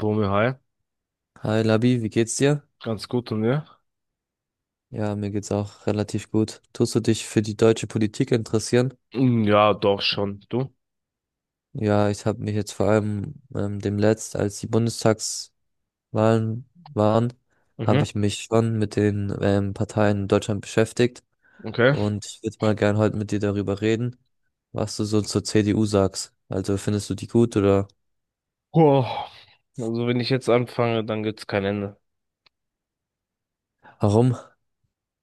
Bumi, hi. Hi Labi, wie geht's dir? Ganz gut und ja? Ja, mir geht's auch relativ gut. Tust du dich für die deutsche Politik interessieren? Ja, doch schon. Du? Ja, ich habe mich jetzt vor allem demnächst, als die Bundestagswahlen waren, Mhm, habe ich mich schon mit den Parteien in Deutschland beschäftigt okay. und ich würde mal gern heute mit dir darüber reden, was du so zur CDU sagst. Also findest du die gut oder Boah. Also wenn ich jetzt anfange, dann gibt's kein Ende. warum?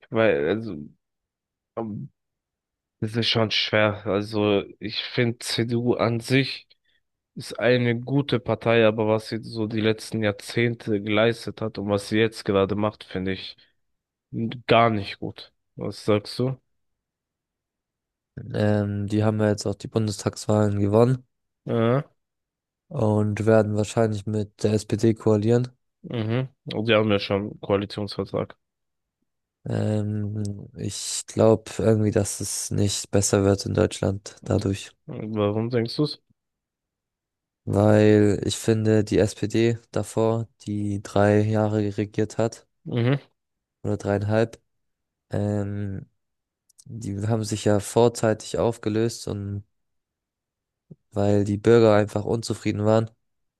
Weil, also, ähm, das ist schon schwer. Also ich finde, CDU an sich ist eine gute Partei, aber was sie so die letzten Jahrzehnte geleistet hat und was sie jetzt gerade macht, finde ich gar nicht gut. Was sagst du? Die haben ja jetzt auch die Bundestagswahlen gewonnen Ja, und werden wahrscheinlich mit der SPD koalieren. mhm. Und die haben ja schon einen Koalitionsvertrag. Ich glaube irgendwie, dass es nicht besser wird in Deutschland dadurch. Warum denkst du's? Weil ich finde, die SPD davor, die 3 Jahre regiert hat, Mhm. oder dreieinhalb, ähm, die haben sich ja vorzeitig aufgelöst und weil die Bürger einfach unzufrieden waren.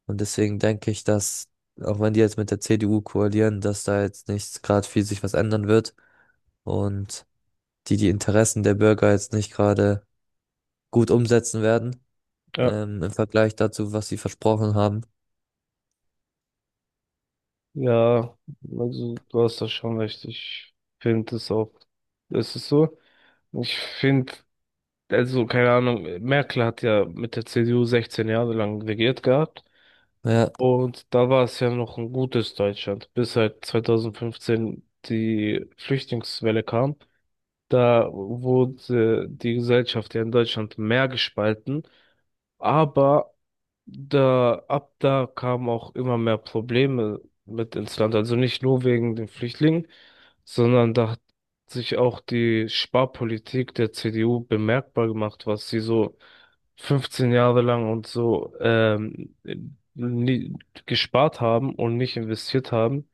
Und deswegen denke ich, dass, auch wenn die jetzt mit der CDU koalieren, dass da jetzt nicht gerade viel sich was ändern wird und die Interessen der Bürger jetzt nicht gerade gut umsetzen werden. Ja. Ähm, im Vergleich dazu, was sie versprochen haben. Ja, also du hast da schon recht. Ich finde es auch. Es ist so. Ich finde, also keine Ahnung, Merkel hat ja mit der CDU 16 Jahre lang regiert gehabt. Ja, Und da war es ja noch ein gutes Deutschland, bis halt 2015 die Flüchtlingswelle kam. Da wurde die Gesellschaft ja in Deutschland mehr gespalten. Aber da, ab da kamen auch immer mehr Probleme mit ins Land. Also nicht nur wegen den Flüchtlingen, sondern da hat sich auch die Sparpolitik der CDU bemerkbar gemacht, was sie so 15 Jahre lang und so nie gespart haben und nicht investiert haben.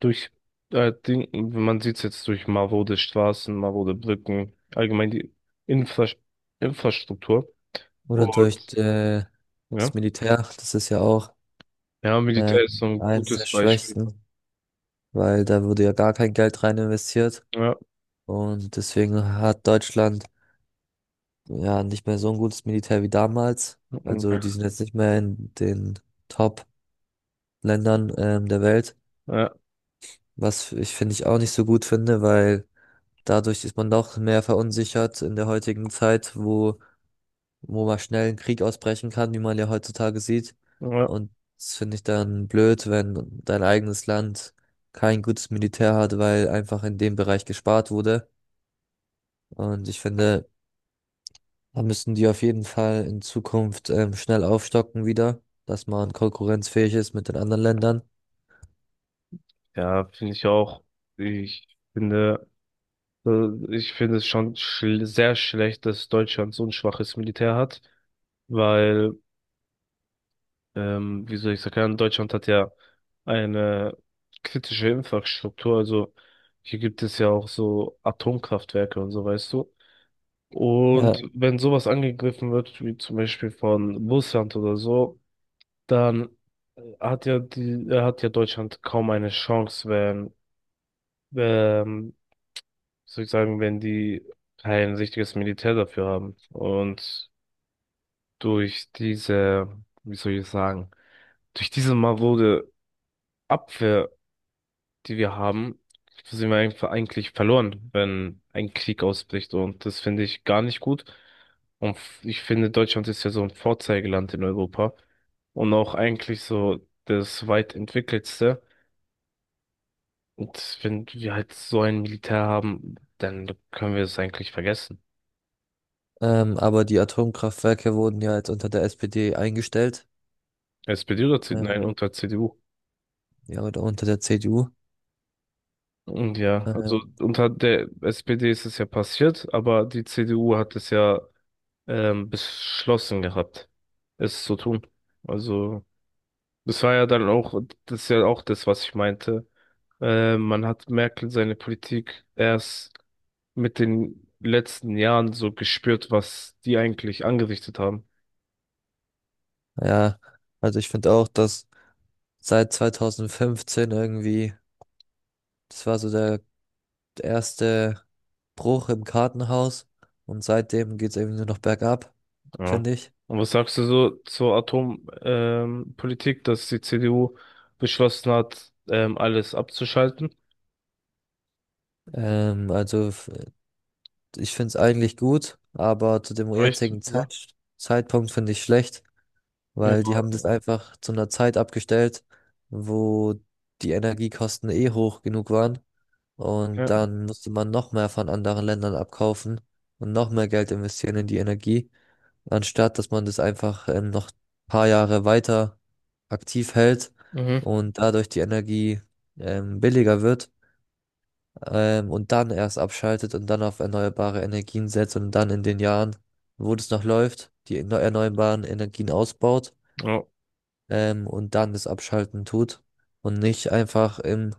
Durch, man sieht es jetzt durch marode Straßen, marode Brücken, allgemein die Infra Infrastruktur. oder durch Und ja. das Militär, das ist ja auch Ja, äh, Militär ist so ein eins der gutes Beispiel. Schwächsten, weil da wurde ja gar kein Geld rein investiert Ja, und deswegen hat Deutschland ja nicht mehr so ein gutes Militär wie damals. Also mhm, die sind jetzt nicht mehr in den Top-Ländern der Welt, ja, was ich finde ich auch nicht so gut finde, weil dadurch ist man doch mehr verunsichert in der heutigen Zeit, wo mal schnell ein Krieg ausbrechen kann, wie man ja heutzutage sieht. ja, Und das finde ich dann blöd, wenn dein eigenes Land kein gutes Militär hat, weil einfach in dem Bereich gespart wurde. Und ich finde, da müssen die auf jeden Fall in Zukunft schnell aufstocken wieder, dass man konkurrenzfähig ist mit den anderen Ländern. ja, finde ich auch. Ich finde, ich finde es schon schl sehr schlecht, dass Deutschland so ein schwaches Militär hat, weil, wie soll ich sagen, Deutschland hat ja eine kritische Infrastruktur. Also hier gibt es ja auch so Atomkraftwerke und so, weißt du. Und Ja, wenn sowas angegriffen wird, wie zum Beispiel von Russland oder so, dann äh, hat ja die, hat ja Deutschland kaum eine Chance, wenn, ähm, soll ich sagen, wenn die kein richtiges Militär dafür haben. Und durch diese, wie soll ich sagen, durch diese marode Abwehr, die wir haben, sind wir einfach eigentlich verloren, wenn ein Krieg ausbricht. Und das finde ich gar nicht gut. Und ich finde, Deutschland ist ja so ein Vorzeigeland in Europa und auch eigentlich so das weit entwickeltste. Und wenn wir halt so ein Militär haben, dann können wir es eigentlich vergessen. Aber die Atomkraftwerke wurden ja jetzt unter der SPD eingestellt, SPD oder CDU? Nein, äh, unter CDU. ja, oder unter der CDU. Und ja, also Äh, unter der SPD ist es ja passiert, aber die CDU hat es ja beschlossen gehabt, es zu tun. Also das war ja dann auch, das ist ja auch das, was ich meinte. Man hat Merkel seine Politik erst mit den letzten Jahren so gespürt, was die eigentlich angerichtet haben. ja, also ich finde auch, dass seit 2015 irgendwie. Das war so der erste Bruch im Kartenhaus und seitdem geht es irgendwie nur noch bergab, Ja. finde ich. Und was sagst du so zur Atompolitik, Politik, dass die CDU beschlossen hat, alles abzuschalten? Also ich finde es eigentlich gut, aber zu dem Reicht jetzigen so? Zeitpunkt finde ich schlecht, Ja. weil die haben das einfach zu einer Zeit abgestellt, wo die Energiekosten eh hoch genug waren und Ja. dann musste man noch mehr von anderen Ländern abkaufen und noch mehr Geld investieren in die Energie, anstatt dass man das einfach noch ein paar Jahre weiter aktiv hält Mhm. und dadurch die Energie billiger wird und dann erst abschaltet und dann auf erneuerbare Energien setzt und dann in den Jahren, wo das noch läuft, die erneuerbaren Energien ausbaut Ja. Und dann das Abschalten tut und nicht einfach im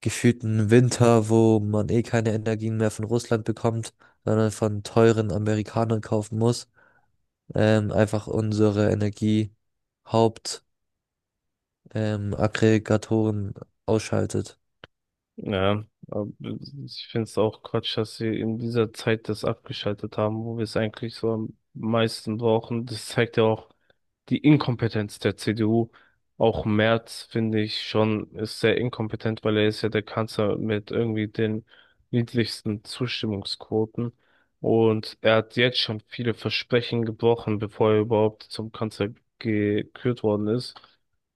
gefühlten Winter, wo man eh keine Energien mehr von Russland bekommt, sondern von teuren Amerikanern kaufen muss. Einfach unsere Haupt, Aggregatoren ausschaltet. Ja. Aber ich finde es auch Quatsch, dass sie in dieser Zeit das abgeschaltet haben, wo wir es eigentlich so am meisten brauchen. Das zeigt ja auch die Inkompetenz der CDU. Auch Merz finde ich schon ist sehr inkompetent, weil er ist ja der Kanzler mit irgendwie den niedrigsten Zustimmungsquoten. Und er hat jetzt schon viele Versprechen gebrochen, bevor er überhaupt zum Kanzler gekürt worden ist.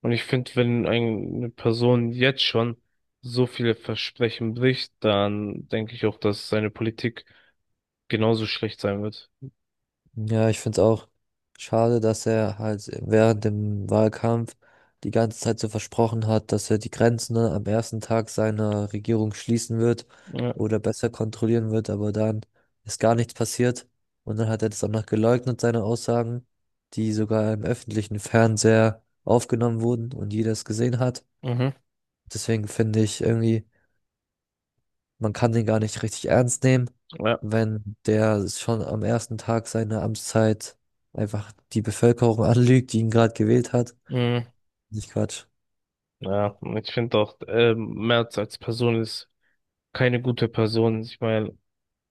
Und ich finde, wenn eine Person jetzt schon so viele Versprechen bricht, dann denke ich auch, dass seine Politik genauso schlecht sein wird. Ja, ich finde es auch schade, dass er halt während dem Wahlkampf die ganze Zeit so versprochen hat, dass er die Grenzen, ne, am 1. Tag seiner Regierung schließen wird Ja, oder besser kontrollieren wird, aber dann ist gar nichts passiert. Und dann hat er das auch noch geleugnet, seine Aussagen, die sogar im öffentlichen Fernseher aufgenommen wurden und jeder es gesehen hat. mhm, Deswegen finde ich irgendwie, man kann den gar nicht richtig ernst nehmen, ja, wenn der schon am 1. Tag seiner Amtszeit einfach die Bevölkerung anlügt, die ihn gerade gewählt hat. mhm. Nicht Quatsch. Ja, und ich finde auch, Merz als Person ist keine gute Person. Ich meine,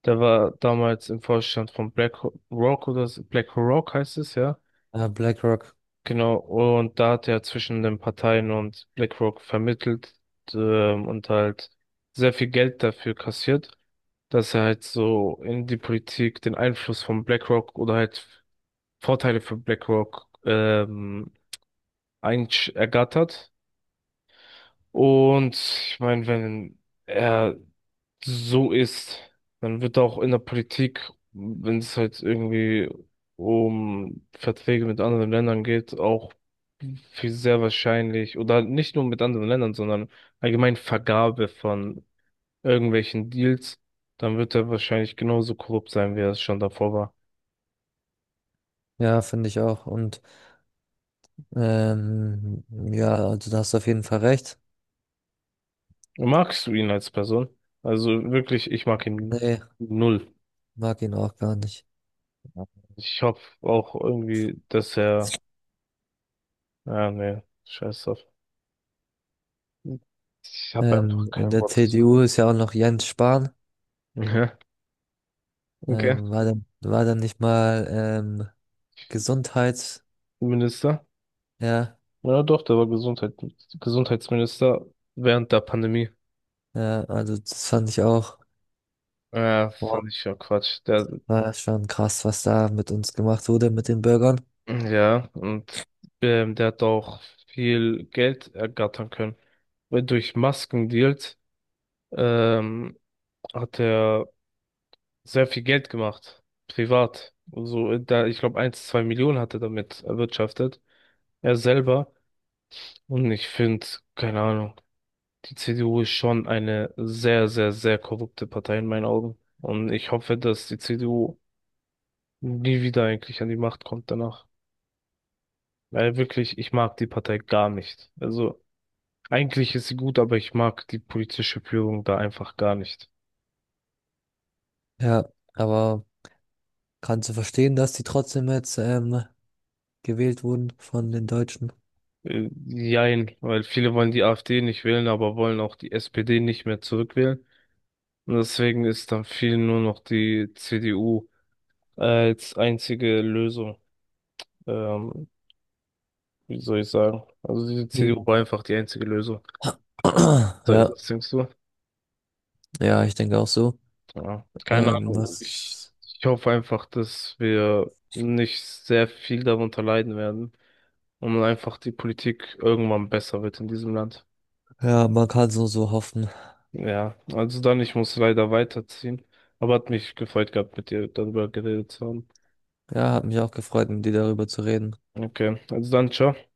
der war damals im Vorstand von BlackRock oder so- BlackRock heißt es, ja. Ja, BlackRock, Genau, und da hat er zwischen den Parteien und BlackRock vermittelt, und halt sehr viel Geld dafür kassiert, dass er halt so in die Politik den Einfluss von BlackRock oder halt Vorteile für BlackRock, ergattert. Und ich meine, wenn er so ist, dann wird auch in der Politik, wenn es halt irgendwie um Verträge mit anderen Ländern geht, auch viel sehr wahrscheinlich, oder nicht nur mit anderen Ländern, sondern allgemein Vergabe von irgendwelchen Deals, dann wird er wahrscheinlich genauso korrupt sein, wie er es schon davor war. ja, finde ich auch. Und ähm, ja, also da hast du auf jeden Fall recht. Magst du ihn als Person? Also wirklich, ich mag ihn Nee, null. mag ihn auch gar nicht. Ich hoffe auch irgendwie, dass er, ja, nee, scheiß drauf. Ich habe einfach In kein der Wort dazu. CDU ist ja auch noch Jens Spahn. Ja, okay. War dann nicht mal Gesundheits, Minister. ja, Ja, doch, der war Gesundheitsminister während der Pandemie. ja, also das fand ich auch. Ja, fand ich ja Quatsch. Der, War schon krass, was da mit uns gemacht wurde, mit den Bürgern. ja, und der hat auch viel Geld ergattern können. Weil durch Maskendeals ähm, hat er sehr viel Geld gemacht. Privat. So, da, ich glaube, 1-2 Millionen hat er damit erwirtschaftet. Er selber. Und ich finde, keine Ahnung. Die CDU ist schon eine sehr, sehr, sehr korrupte Partei in meinen Augen. Und ich hoffe, dass die CDU nie wieder eigentlich an die Macht kommt danach. Weil wirklich, ich mag die Partei gar nicht. Also eigentlich ist sie gut, aber ich mag die politische Führung da einfach gar nicht. Ja, aber kannst du verstehen, dass die trotzdem jetzt gewählt wurden von den Deutschen? Jein, weil viele wollen die AfD nicht wählen, aber wollen auch die SPD nicht mehr zurückwählen. Und deswegen ist dann vielen nur noch die CDU als einzige Lösung. Ähm, wie soll ich sagen? Also die CDU war einfach die einzige Lösung. Das Ja, denkst du? ja, ich denke auch so. Ja, keine Ahnung. Ich, Was, ich hoffe einfach, dass wir nicht sehr viel darunter leiden werden und einfach die Politik irgendwann besser wird in diesem Land. ja, man kann so hoffen. Ja, also dann, ich muss leider weiterziehen. Aber hat mich gefreut gehabt, mit dir darüber geredet zu haben. Ja, hat mich auch gefreut, mit dir darüber zu reden. Okay, also dann, ciao.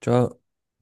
Ciao.